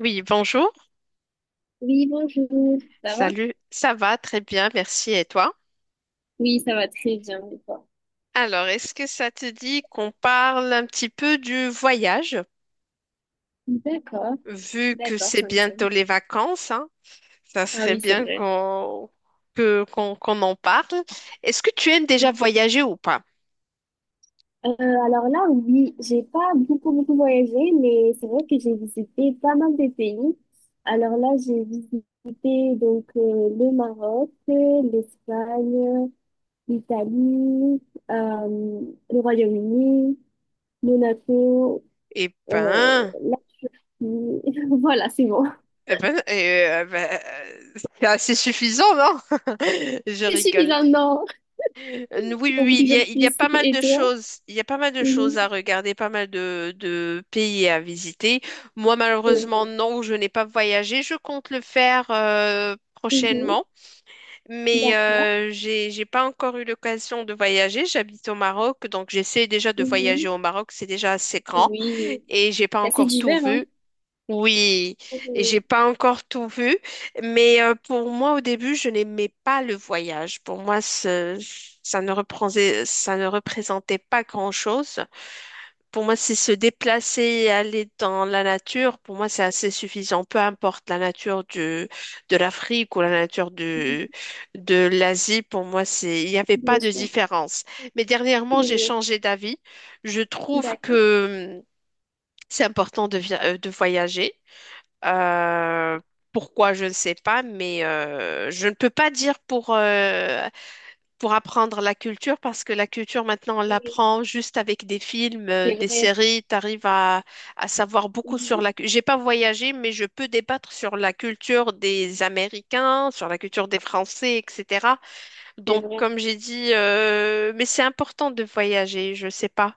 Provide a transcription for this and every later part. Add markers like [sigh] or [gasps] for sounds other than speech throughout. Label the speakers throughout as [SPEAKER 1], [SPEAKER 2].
[SPEAKER 1] Oui, bonjour.
[SPEAKER 2] Oui, bonjour, ça va?
[SPEAKER 1] Salut. Ça va très bien, merci. Et toi?
[SPEAKER 2] Oui, ça va très bien, et toi?
[SPEAKER 1] Alors, est-ce que ça te dit qu'on parle un petit peu du voyage?
[SPEAKER 2] D'accord,
[SPEAKER 1] Vu que
[SPEAKER 2] d'accord,
[SPEAKER 1] c'est
[SPEAKER 2] ça me
[SPEAKER 1] bientôt les vacances, hein, ça
[SPEAKER 2] Ah
[SPEAKER 1] serait
[SPEAKER 2] oui, c'est
[SPEAKER 1] bien
[SPEAKER 2] vrai.
[SPEAKER 1] qu'on qu'on en parle. Est-ce que tu aimes déjà
[SPEAKER 2] Mhm.
[SPEAKER 1] voyager ou pas?
[SPEAKER 2] Euh, alors là, oui, j'ai pas beaucoup, beaucoup voyagé, mais c'est vrai que j'ai visité pas mal de pays. Alors là, j'ai visité donc le Maroc, l'Espagne, l'Italie, euh, le Royaume-Uni, Monaco,
[SPEAKER 1] Eh ben,
[SPEAKER 2] la Turquie. [laughs] Voilà, c'est bon.
[SPEAKER 1] Eh ben, c'est assez suffisant, non? [laughs] Je
[SPEAKER 2] C'est
[SPEAKER 1] rigole.
[SPEAKER 2] suffisant, non?
[SPEAKER 1] Oui, oui,
[SPEAKER 2] On veut
[SPEAKER 1] oui,
[SPEAKER 2] toujours
[SPEAKER 1] il y a
[SPEAKER 2] plus.
[SPEAKER 1] pas mal
[SPEAKER 2] Et
[SPEAKER 1] de
[SPEAKER 2] toi?
[SPEAKER 1] choses. Il y a pas mal de
[SPEAKER 2] Mhm.
[SPEAKER 1] choses à regarder, pas mal de pays à visiter. Moi,
[SPEAKER 2] C'est
[SPEAKER 1] malheureusement,
[SPEAKER 2] vrai.
[SPEAKER 1] non, je n'ai pas voyagé. Je compte le faire
[SPEAKER 2] Mhm.
[SPEAKER 1] prochainement, mais
[SPEAKER 2] D'accord.
[SPEAKER 1] j'ai pas encore eu l'occasion de voyager. J'habite au Maroc, donc j'essaie déjà de voyager
[SPEAKER 2] Mhm.
[SPEAKER 1] au Maroc. C'est déjà assez grand
[SPEAKER 2] Oui,
[SPEAKER 1] et j'ai pas
[SPEAKER 2] c'est assez
[SPEAKER 1] encore tout
[SPEAKER 2] divers, hein?
[SPEAKER 1] vu. Oui, et
[SPEAKER 2] Mhm.
[SPEAKER 1] j'ai pas encore tout vu, mais pour moi au début, je n'aimais pas le voyage. Pour moi, ça ne représentait pas grand-chose. Pour moi, c'est se déplacer et aller dans la nature. Pour moi, c'est assez suffisant, peu importe la nature de l'Afrique ou la nature
[SPEAKER 2] Mhm.
[SPEAKER 1] de l'Asie. Pour moi, il n'y avait
[SPEAKER 2] Bien
[SPEAKER 1] pas de
[SPEAKER 2] sûr.
[SPEAKER 1] différence. Mais dernièrement, j'ai
[SPEAKER 2] Oui.
[SPEAKER 1] changé d'avis. Je trouve
[SPEAKER 2] D'accord.
[SPEAKER 1] que c'est important de voyager. Euh, Pourquoi, je ne sais pas, mais je ne peux pas dire pour apprendre la culture, parce que la culture, maintenant, on
[SPEAKER 2] Oui,
[SPEAKER 1] l'apprend juste avec des films,
[SPEAKER 2] c'est
[SPEAKER 1] des
[SPEAKER 2] vrai.
[SPEAKER 1] séries. Tu arrives à savoir beaucoup sur
[SPEAKER 2] Mhm.
[SPEAKER 1] la culture. J'ai pas voyagé, mais je peux débattre sur la culture des Américains, sur la culture des Français, etc.
[SPEAKER 2] C'est
[SPEAKER 1] Donc,
[SPEAKER 2] vrai.
[SPEAKER 1] comme j'ai dit, mais c'est important de voyager, je sais pas.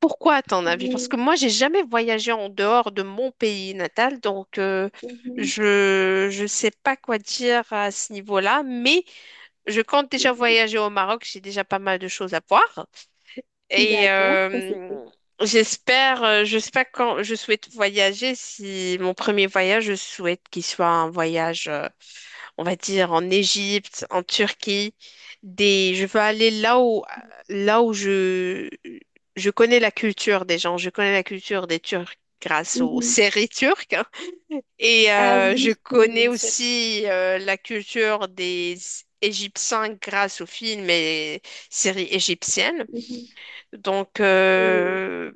[SPEAKER 1] Pourquoi, à ton avis? Parce que
[SPEAKER 2] Oui.
[SPEAKER 1] moi, j'ai jamais voyagé en dehors de mon pays natal, donc
[SPEAKER 2] Mhm.
[SPEAKER 1] je sais pas quoi dire à ce niveau-là. Mais je compte déjà voyager au Maroc. J'ai déjà pas mal de choses à voir
[SPEAKER 2] Mhm.
[SPEAKER 1] et
[SPEAKER 2] D'accord, ça c'était.
[SPEAKER 1] j'espère. Je sais pas quand je souhaite voyager. Si mon premier voyage, je souhaite qu'il soit un voyage. On va dire en Égypte, en Turquie, des je veux aller là où je connais la culture des gens, je connais la culture des Turcs grâce aux
[SPEAKER 2] Mhm.
[SPEAKER 1] séries turques hein. et
[SPEAKER 2] Ah
[SPEAKER 1] euh, je
[SPEAKER 2] oui, oui,
[SPEAKER 1] connais
[SPEAKER 2] bien sûr.
[SPEAKER 1] aussi la culture des Égyptiens grâce aux films et séries égyptiennes.
[SPEAKER 2] Mhm.
[SPEAKER 1] Donc
[SPEAKER 2] Oui.
[SPEAKER 1] euh,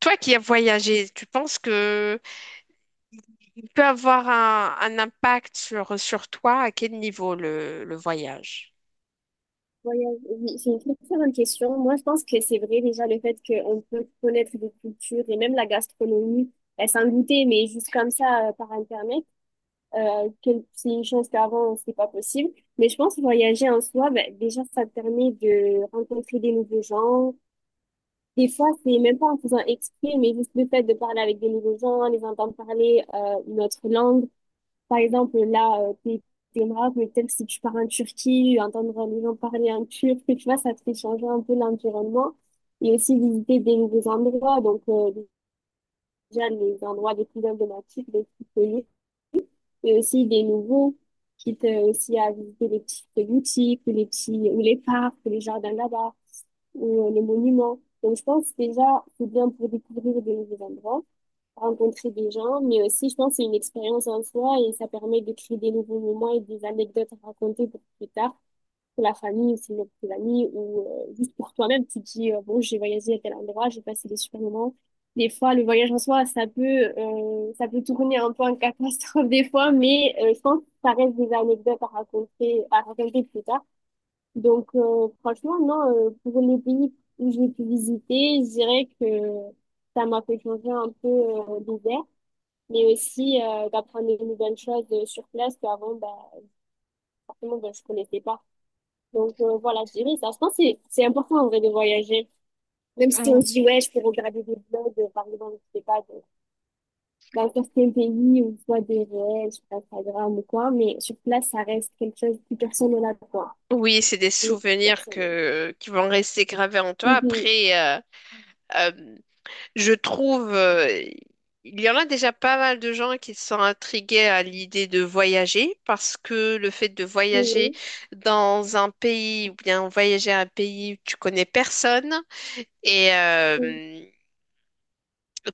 [SPEAKER 1] Toi qui as voyagé, tu penses que il peut avoir un impact sur toi? À quel niveau le voyage?
[SPEAKER 2] Voyage, oui, c'est une très très bonne question. Moi, je pense que c'est vrai déjà le fait qu'on peut connaître des cultures et même la gastronomie, ben, sans goûter, mais juste comme ça, par Internet. Que c'est une chose qu'avant, c'était pas possible. Mais je pense que voyager en soi, ben, déjà, ça te permet de rencontrer des nouveaux gens. Des fois, c'est même pas en faisant exprès, mais juste le fait de parler avec des nouveaux gens, les entendre parler une autre langue. Par exemple, là, t'es au Maroc, mais peut-être si tu pars en Turquie, entendre les gens parler en turc, tu vois, ça te fait changer un peu l'environnement. Et aussi visiter des nouveaux endroits, donc déjà les endroits les plus emblématiques, les plus connus mais aussi des nouveaux, quitte aussi à visiter les petites boutiques ou les petits, ou les parcs, ou les jardins là-bas, ou les monuments. Donc, je pense déjà, c'est bien pour découvrir de nouveaux endroits, rencontrer des gens, mais aussi, je pense, c'est une expérience en soi et ça permet de créer des nouveaux moments et des anecdotes à raconter pour plus tard pour la famille, ou sinon pour tes amis, ou juste pour toi-même, tu te dis, bon, j'ai voyagé à tel endroit, j'ai passé des super moments. Des fois, le voyage en soi, ça peut tourner un peu en catastrophe [laughs] des fois, mais je pense que ça reste des anecdotes à raconter plus tard. Donc, franchement, non, pour les pays où j'ai pu visiter, je dirais que ça m'a fait changer un peu d'ouvert, mais aussi d'apprendre de nouvelles choses sur place qu'avant, bah, forcément, bah, je connaissais pas. Donc voilà, je dirais ça. Je pense que c'est important en vrai de voyager. Même si on
[SPEAKER 1] Ou-
[SPEAKER 2] se dit, ouais, je peux regarder des blogs, par exemple, je sais pas, dans certains pays ou soit des réels sur Instagram ou quoi, mais sur place, ça reste quelque chose de plus personnel à toi.
[SPEAKER 1] Oui, c'est des
[SPEAKER 2] C'est plus
[SPEAKER 1] souvenirs
[SPEAKER 2] personnel.
[SPEAKER 1] qui vont rester gravés en toi.
[SPEAKER 2] Mhm.
[SPEAKER 1] Après, euh, je trouve, il y en a déjà pas mal de gens qui sont intrigués à l'idée de voyager parce que le fait de voyager
[SPEAKER 2] Mhm.
[SPEAKER 1] dans un pays ou bien voyager à un pays où tu connais personne et
[SPEAKER 2] Mhm.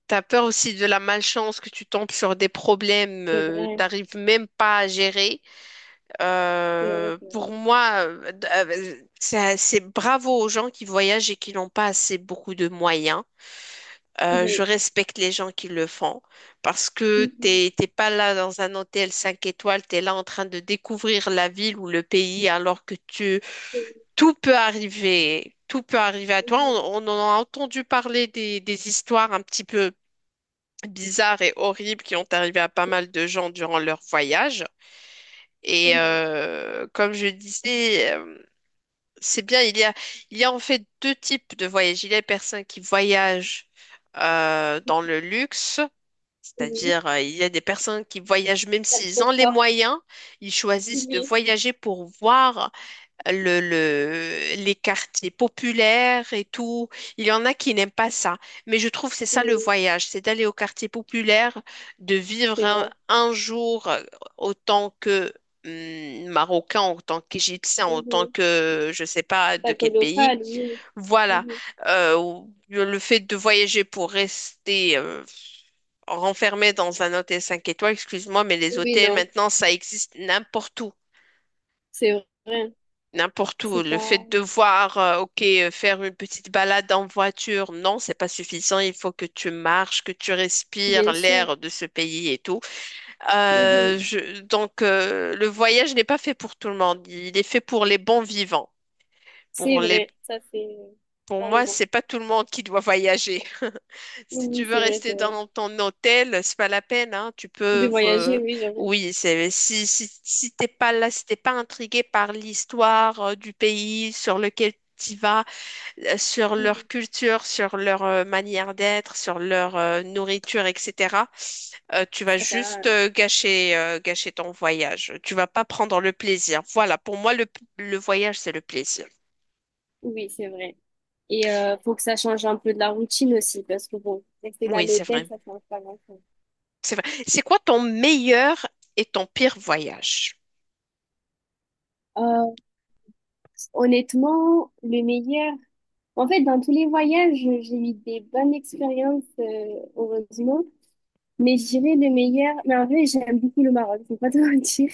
[SPEAKER 1] t'as peur aussi de la malchance que tu tombes sur des problèmes,
[SPEAKER 2] C'est vrai,
[SPEAKER 1] t'arrives même pas à gérer.
[SPEAKER 2] c'est vrai, c'est vrai.
[SPEAKER 1] Pour moi, c'est bravo aux gens qui voyagent et qui n'ont pas assez beaucoup de moyens. Je
[SPEAKER 2] Oui.
[SPEAKER 1] respecte les gens qui le font parce que
[SPEAKER 2] Mhm.
[SPEAKER 1] t'es pas là dans un hôtel 5 étoiles, tu es là en train de découvrir la ville ou le pays alors que
[SPEAKER 2] Mhm.
[SPEAKER 1] tout peut arriver à toi.
[SPEAKER 2] Mhm.
[SPEAKER 1] On en a entendu parler des histoires un petit peu bizarres et horribles qui ont arrivé à pas mal de gens durant leur voyage. Et
[SPEAKER 2] Mhm.
[SPEAKER 1] comme je disais, c'est bien, il y a en fait deux types de voyages. Il y a les personnes qui voyagent dans le luxe,
[SPEAKER 2] Oui,
[SPEAKER 1] c'est-à-dire il y a des personnes qui voyagent même
[SPEAKER 2] ça te
[SPEAKER 1] s'ils ont les
[SPEAKER 2] conforte.
[SPEAKER 1] moyens, ils choisissent de
[SPEAKER 2] Oui.
[SPEAKER 1] voyager pour voir les quartiers populaires et tout. Il y en a qui n'aiment pas ça. Mais je trouve que c'est ça le
[SPEAKER 2] Oui.
[SPEAKER 1] voyage, c'est d'aller au quartier populaire, de vivre
[SPEAKER 2] C'est vrai.
[SPEAKER 1] un jour autant que Marocain, autant qu'Égyptien, autant
[SPEAKER 2] Mhm.
[SPEAKER 1] que je sais pas de
[SPEAKER 2] Pas que
[SPEAKER 1] quel pays.
[SPEAKER 2] local, oui.
[SPEAKER 1] Voilà.
[SPEAKER 2] Mhm.
[SPEAKER 1] Le fait de voyager pour rester renfermé dans un hôtel 5 étoiles, excuse-moi, mais les
[SPEAKER 2] Oui,
[SPEAKER 1] hôtels
[SPEAKER 2] non,
[SPEAKER 1] maintenant, ça existe n'importe où.
[SPEAKER 2] c'est vrai.
[SPEAKER 1] N'importe
[SPEAKER 2] C'est
[SPEAKER 1] où. Le
[SPEAKER 2] pas.
[SPEAKER 1] fait de voir, ok, faire une petite balade en voiture, non, c'est pas suffisant. Il faut que tu marches, que tu respires
[SPEAKER 2] Bien sûr.
[SPEAKER 1] l'air de ce pays et tout. Euh,
[SPEAKER 2] Mhm.
[SPEAKER 1] je- donc, euh, le voyage n'est pas fait pour tout le monde. Il est fait pour les bons vivants, pour
[SPEAKER 2] C'est
[SPEAKER 1] les
[SPEAKER 2] vrai, ça c'est.
[SPEAKER 1] pour
[SPEAKER 2] T'as
[SPEAKER 1] moi,
[SPEAKER 2] raison.
[SPEAKER 1] c'est pas tout le monde qui doit voyager. [laughs] Si tu
[SPEAKER 2] Oui,
[SPEAKER 1] veux
[SPEAKER 2] c'est vrai que
[SPEAKER 1] rester dans ton hôtel, c'est pas la peine, hein. Tu
[SPEAKER 2] de
[SPEAKER 1] peux,
[SPEAKER 2] voyager, oui, j'avoue.
[SPEAKER 1] oui, c'est si t'es pas là, si t'es pas intrigué par l'histoire du pays sur lequel tu vas, sur
[SPEAKER 2] Mhm.
[SPEAKER 1] leur culture, sur leur manière d'être, sur leur nourriture, etc. Tu vas
[SPEAKER 2] Ça sert à-
[SPEAKER 1] juste gâcher ton voyage. Tu vas pas prendre le plaisir. Voilà, pour moi, le voyage, c'est le plaisir.
[SPEAKER 2] Oui, c'est vrai. Et faut que ça change un peu de la routine aussi, parce que bon, rester là à
[SPEAKER 1] Oui, c'est
[SPEAKER 2] l'hôtel,
[SPEAKER 1] vrai.
[SPEAKER 2] ça change pas grand-chose.
[SPEAKER 1] C'est vrai. C'est quoi ton meilleur et ton pire voyage?
[SPEAKER 2] Euh, Honnêtement, le meilleur. En fait, dans tous les voyages, j'ai eu des bonnes expériences, heureusement. Mais je dirais le meilleur. Mais en vrai, j'aime beaucoup le Maroc, faut pas te [laughs] mentir.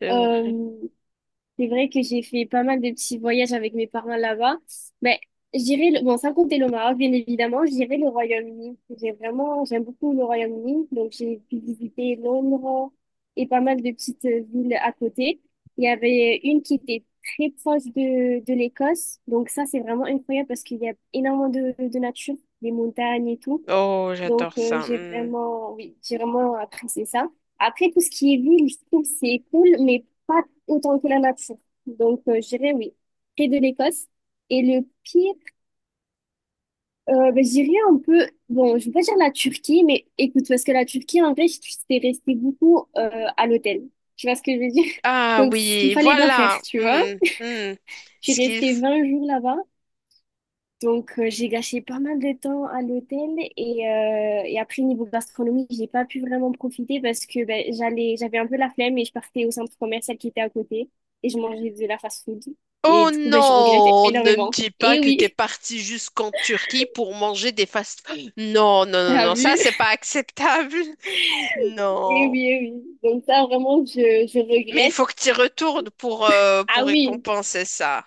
[SPEAKER 1] C'est vrai.
[SPEAKER 2] Euh, C'est vrai que j'ai fait pas mal de petits voyages avec mes parents là-bas. Mais je dirais, bon, sans compter le Maroc, bien évidemment, je dirais le Royaume-Uni. J'ai vraiment, j'aime beaucoup le Royaume-Uni. Donc, j'ai pu visiter Londres et pas mal de petites villes à côté. Il y avait une qui était très proche de l'Écosse. Donc, ça, c'est vraiment incroyable parce qu'il y a énormément de nature, des montagnes et tout.
[SPEAKER 1] Oh,
[SPEAKER 2] Donc,
[SPEAKER 1] j'adore ça.
[SPEAKER 2] j'ai
[SPEAKER 1] Hmm.
[SPEAKER 2] vraiment, oui, j'ai vraiment apprécié ça. Après, tout ce qui est ville, je trouve que c'est cool, mais pas autant que la nature. Donc, je dirais oui, près de l'Écosse. Et le pire, ben, je dirais un peu, bon, je vais pas dire la Turquie, mais écoute, parce que la Turquie, en vrai, j'étais restée beaucoup à l'hôtel. Tu vois ce que je veux dire? [laughs]
[SPEAKER 1] Ah
[SPEAKER 2] Donc, ce qu'il
[SPEAKER 1] oui,
[SPEAKER 2] fallait pas faire,
[SPEAKER 1] voilà.
[SPEAKER 2] tu vois.
[SPEAKER 1] Hmm, hmm.
[SPEAKER 2] J'ai
[SPEAKER 1] Ce qu'il
[SPEAKER 2] resté
[SPEAKER 1] f-
[SPEAKER 2] 20 jours là-bas. Donc, j'ai gâché pas mal de temps à l'hôtel et après, niveau gastronomie, j'ai pas pu vraiment profiter parce que ben, j'allais, j'avais un peu la flemme et je partais au centre commercial qui était à côté et je mangeais de la fast-food. Et
[SPEAKER 1] Oh
[SPEAKER 2] du coup, ben, je regrette
[SPEAKER 1] non, ne me
[SPEAKER 2] énormément.
[SPEAKER 1] dis pas
[SPEAKER 2] Et
[SPEAKER 1] que t'es
[SPEAKER 2] oui,
[SPEAKER 1] parti jusqu'en Turquie pour manger des fast [gasps] Non, non,
[SPEAKER 2] [laughs]
[SPEAKER 1] non,
[SPEAKER 2] t'as
[SPEAKER 1] non, ça
[SPEAKER 2] vu?
[SPEAKER 1] c'est pas acceptable. [laughs]
[SPEAKER 2] Et
[SPEAKER 1] Non.
[SPEAKER 2] oui, eh oui. Donc ça, vraiment, je
[SPEAKER 1] Mais il
[SPEAKER 2] regrette.
[SPEAKER 1] faut que tu retournes
[SPEAKER 2] Ah
[SPEAKER 1] pour
[SPEAKER 2] oui,
[SPEAKER 1] récompenser ça.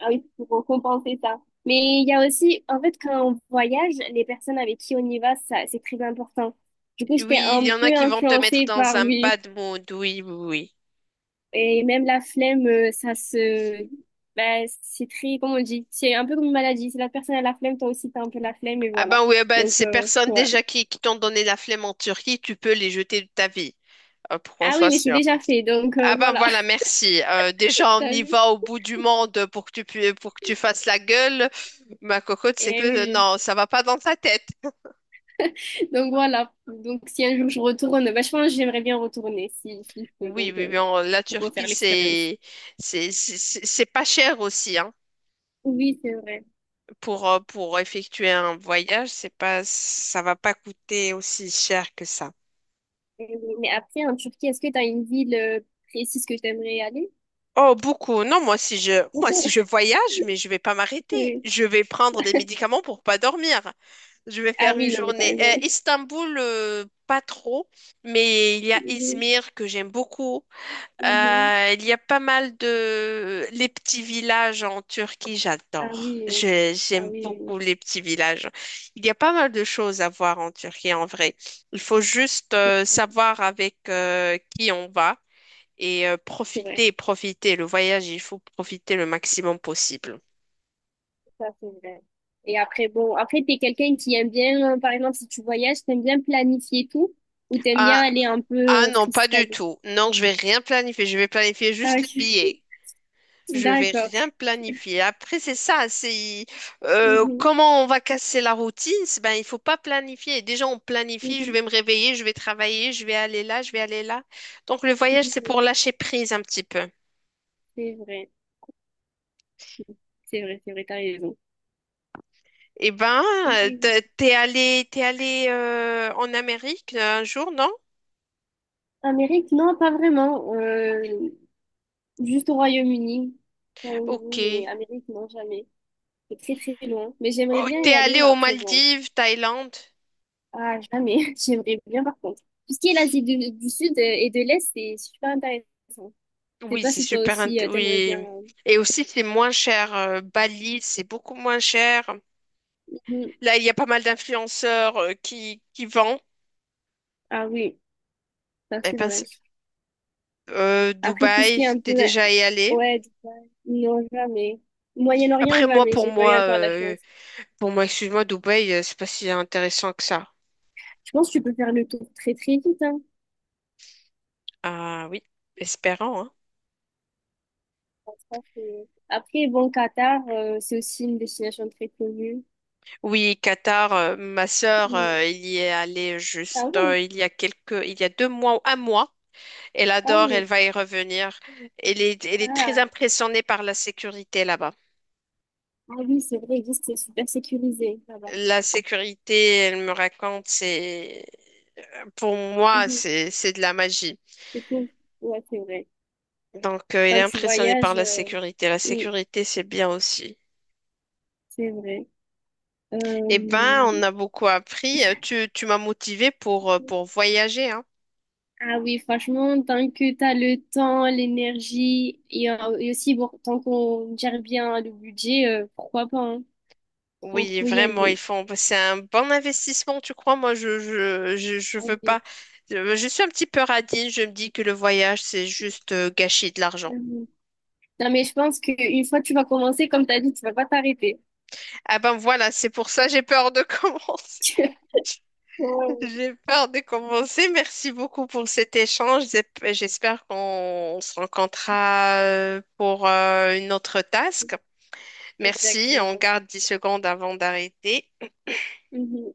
[SPEAKER 2] ah oui, pour compenser ça. Mais il y a aussi, en fait, quand on voyage, les personnes avec qui on y va, ça, c'est très important. Du coup, j'étais
[SPEAKER 1] Oui, il
[SPEAKER 2] un
[SPEAKER 1] y en a
[SPEAKER 2] peu
[SPEAKER 1] qui vont te mettre
[SPEAKER 2] influencée
[SPEAKER 1] dans
[SPEAKER 2] par
[SPEAKER 1] un
[SPEAKER 2] lui.
[SPEAKER 1] bad mood. Oui, oui, oui.
[SPEAKER 2] Et même la flemme. Ben, c'est très, comment on dit, c'est un peu comme une maladie. Si la personne a la flemme, toi aussi, t'as un peu la flemme, et
[SPEAKER 1] Ah
[SPEAKER 2] voilà.
[SPEAKER 1] ben oui, ah ben
[SPEAKER 2] Donc,
[SPEAKER 1] ces personnes
[SPEAKER 2] ouais.
[SPEAKER 1] déjà qui t'ont donné la flemme en Turquie, tu peux les jeter de ta vie. Pour qu'on
[SPEAKER 2] Ah oui,
[SPEAKER 1] soit
[SPEAKER 2] mais c'est
[SPEAKER 1] sûr.
[SPEAKER 2] déjà fait, donc
[SPEAKER 1] Ah ben
[SPEAKER 2] voilà,
[SPEAKER 1] voilà, merci.
[SPEAKER 2] [laughs]
[SPEAKER 1] Déjà, on
[SPEAKER 2] t'as
[SPEAKER 1] y
[SPEAKER 2] vu?
[SPEAKER 1] va au bout du monde pour que tu fasses la gueule. Ma cocotte, c'est que
[SPEAKER 2] Eh oui.
[SPEAKER 1] non, ça va pas dans ta tête.
[SPEAKER 2] Donc voilà. Donc si un jour je retourne, ben, je pense que j'aimerais bien retourner, si je peux,
[SPEAKER 1] Oui,
[SPEAKER 2] donc
[SPEAKER 1] oui, oui, la
[SPEAKER 2] pour refaire
[SPEAKER 1] Turquie,
[SPEAKER 2] l'expérience.
[SPEAKER 1] c'est pas cher aussi, hein.
[SPEAKER 2] Oui, c'est vrai.
[SPEAKER 1] Pour effectuer un voyage, c'est pas ça va pas coûter aussi cher que ça.
[SPEAKER 2] Eh oui. Mais après, en Turquie, est-ce que t'as une ville précise que t'aimerais aller?
[SPEAKER 1] Oh, beaucoup. Non, moi
[SPEAKER 2] Beaucoup.
[SPEAKER 1] si je
[SPEAKER 2] [laughs]
[SPEAKER 1] voyage, mais je vais pas m'arrêter.
[SPEAKER 2] Oui.
[SPEAKER 1] Je vais prendre des médicaments pour pas dormir. Je vais
[SPEAKER 2] Ah
[SPEAKER 1] faire une
[SPEAKER 2] oui, non, mais t'as
[SPEAKER 1] journée.
[SPEAKER 2] raison.
[SPEAKER 1] Istanbul, pas trop, mais il y a
[SPEAKER 2] Mhm.
[SPEAKER 1] Izmir que j'aime beaucoup.
[SPEAKER 2] Mhm.
[SPEAKER 1] Il y a pas mal de... Les petits villages en Turquie,
[SPEAKER 2] Ah
[SPEAKER 1] j'adore.
[SPEAKER 2] oui, ah
[SPEAKER 1] J'aime
[SPEAKER 2] oui, oui.
[SPEAKER 1] beaucoup les petits villages. Il y a pas mal de choses à voir en Turquie, en vrai. Il faut juste
[SPEAKER 2] Oui.
[SPEAKER 1] savoir avec qui on va et
[SPEAKER 2] C'est vrai,
[SPEAKER 1] profiter, profiter. Le voyage, il faut profiter le maximum possible.
[SPEAKER 2] ça c'est vrai. Et après, bon, après, t'es quelqu'un qui aime bien, par exemple, si tu voyages, t'aimes bien planifier tout ou t'aimes bien
[SPEAKER 1] Ah,
[SPEAKER 2] aller un peu
[SPEAKER 1] Ah non, pas du
[SPEAKER 2] freestyle?
[SPEAKER 1] tout. Non, je vais rien planifier. Je vais planifier
[SPEAKER 2] Ah,
[SPEAKER 1] juste les
[SPEAKER 2] ok.
[SPEAKER 1] billets. Je vais
[SPEAKER 2] [laughs] D'accord.
[SPEAKER 1] rien planifier. Après, c'est ça. C'est
[SPEAKER 2] Mhm,
[SPEAKER 1] comment on va casser la routine. Ben, il faut pas planifier. Déjà, on planifie. Je
[SPEAKER 2] mhm,
[SPEAKER 1] vais me réveiller. Je vais travailler. Je vais aller là. Je vais aller là. Donc, le voyage, c'est
[SPEAKER 2] mhm.
[SPEAKER 1] pour lâcher prise un petit peu.
[SPEAKER 2] C'est vrai, c'est vrai, c'est vrai, t'as raison.
[SPEAKER 1] Eh ben,
[SPEAKER 2] Et
[SPEAKER 1] t'es allé en Amérique un jour, non?
[SPEAKER 2] Amérique, non, pas vraiment. Juste au Royaume-Uni.
[SPEAKER 1] Ok.
[SPEAKER 2] Royaume-Uni, mais Amérique, non, jamais. C'est très, très loin. Mais j'aimerais
[SPEAKER 1] Oh,
[SPEAKER 2] bien
[SPEAKER 1] t'es
[SPEAKER 2] y aller,
[SPEAKER 1] allé
[SPEAKER 2] mais
[SPEAKER 1] aux
[SPEAKER 2] après, bon.
[SPEAKER 1] Maldives, Thaïlande.
[SPEAKER 2] Ah, jamais. [laughs] J'aimerais bien, par contre. Tout ce qui est l'Asie du Sud et de l'Est, c'est super intéressant. Je sais pas si toi aussi, t'aimerais bien.
[SPEAKER 1] Oui. Et aussi, c'est moins cher. Bali, c'est beaucoup moins cher.
[SPEAKER 2] Mhm.
[SPEAKER 1] Là, il y a pas mal d'influenceurs qui vendent.
[SPEAKER 2] Ah oui, ça
[SPEAKER 1] Eh
[SPEAKER 2] c'est
[SPEAKER 1] ben,
[SPEAKER 2] vrai. Après, tout ce qui
[SPEAKER 1] Dubaï,
[SPEAKER 2] est un peu...
[SPEAKER 1] t'es déjà y allé.
[SPEAKER 2] ouais, non, jamais. Moyen-Orient,
[SPEAKER 1] Après, moi,
[SPEAKER 2] jamais. J'ai pas eu encore la chance.
[SPEAKER 1] pour moi, excuse-moi, Dubaï, c'est pas si intéressant que ça.
[SPEAKER 2] Je pense que tu peux faire le tour très, très vite, hein.
[SPEAKER 1] Ah oui, espérant, hein.
[SPEAKER 2] Ça. Après, bon, Qatar, c'est aussi une destination très connue.
[SPEAKER 1] Oui, Qatar, ma sœur,
[SPEAKER 2] Mm.
[SPEAKER 1] il y est allée
[SPEAKER 2] Ah
[SPEAKER 1] juste,
[SPEAKER 2] oui,
[SPEAKER 1] il y a 2 mois ou un mois. Elle
[SPEAKER 2] ah
[SPEAKER 1] adore,
[SPEAKER 2] oui.
[SPEAKER 1] elle va y revenir. Elle est très
[SPEAKER 2] Ah,
[SPEAKER 1] impressionnée par la sécurité là-bas.
[SPEAKER 2] ah oui, c'est vrai, juste c'est super sécurisé là-bas.
[SPEAKER 1] La sécurité, elle me raconte, pour moi,
[SPEAKER 2] Mm-hmm.
[SPEAKER 1] c'est de la magie.
[SPEAKER 2] [laughs] Et puis, ouais, c'est vrai.
[SPEAKER 1] Donc, elle est
[SPEAKER 2] Quand tu
[SPEAKER 1] impressionnée par
[SPEAKER 2] voyages
[SPEAKER 1] la sécurité. La
[SPEAKER 2] mm,
[SPEAKER 1] sécurité, c'est bien aussi.
[SPEAKER 2] c'est vrai. Euh,
[SPEAKER 1] Eh ben, on a beaucoup appris. Tu m'as motivée pour voyager, hein.
[SPEAKER 2] Ah oui, franchement, tant que tu as le temps, l'énergie et aussi bon, tant qu'on gère bien le budget, pourquoi pas, hein. On
[SPEAKER 1] Oui,
[SPEAKER 2] faut y
[SPEAKER 1] vraiment,
[SPEAKER 2] aller.
[SPEAKER 1] c'est un bon investissement, tu crois? Moi, je veux
[SPEAKER 2] En
[SPEAKER 1] pas. Je suis un petit peu radine. Je me dis que le voyage, c'est juste gâcher de l'argent.
[SPEAKER 2] Mhm. Non, mais je pense qu'une fois que tu vas commencer, comme tu as dit, tu vas pas t'arrêter.
[SPEAKER 1] Ah ben voilà, c'est pour ça j'ai peur de [laughs] commencer.
[SPEAKER 2] [laughs] Ouais,
[SPEAKER 1] J'ai peur de commencer. Merci beaucoup pour cet échange. J'espère qu'on se rencontrera pour une autre task. Merci, on
[SPEAKER 2] exactement.
[SPEAKER 1] garde 10 secondes avant d'arrêter.
[SPEAKER 2] Mhm.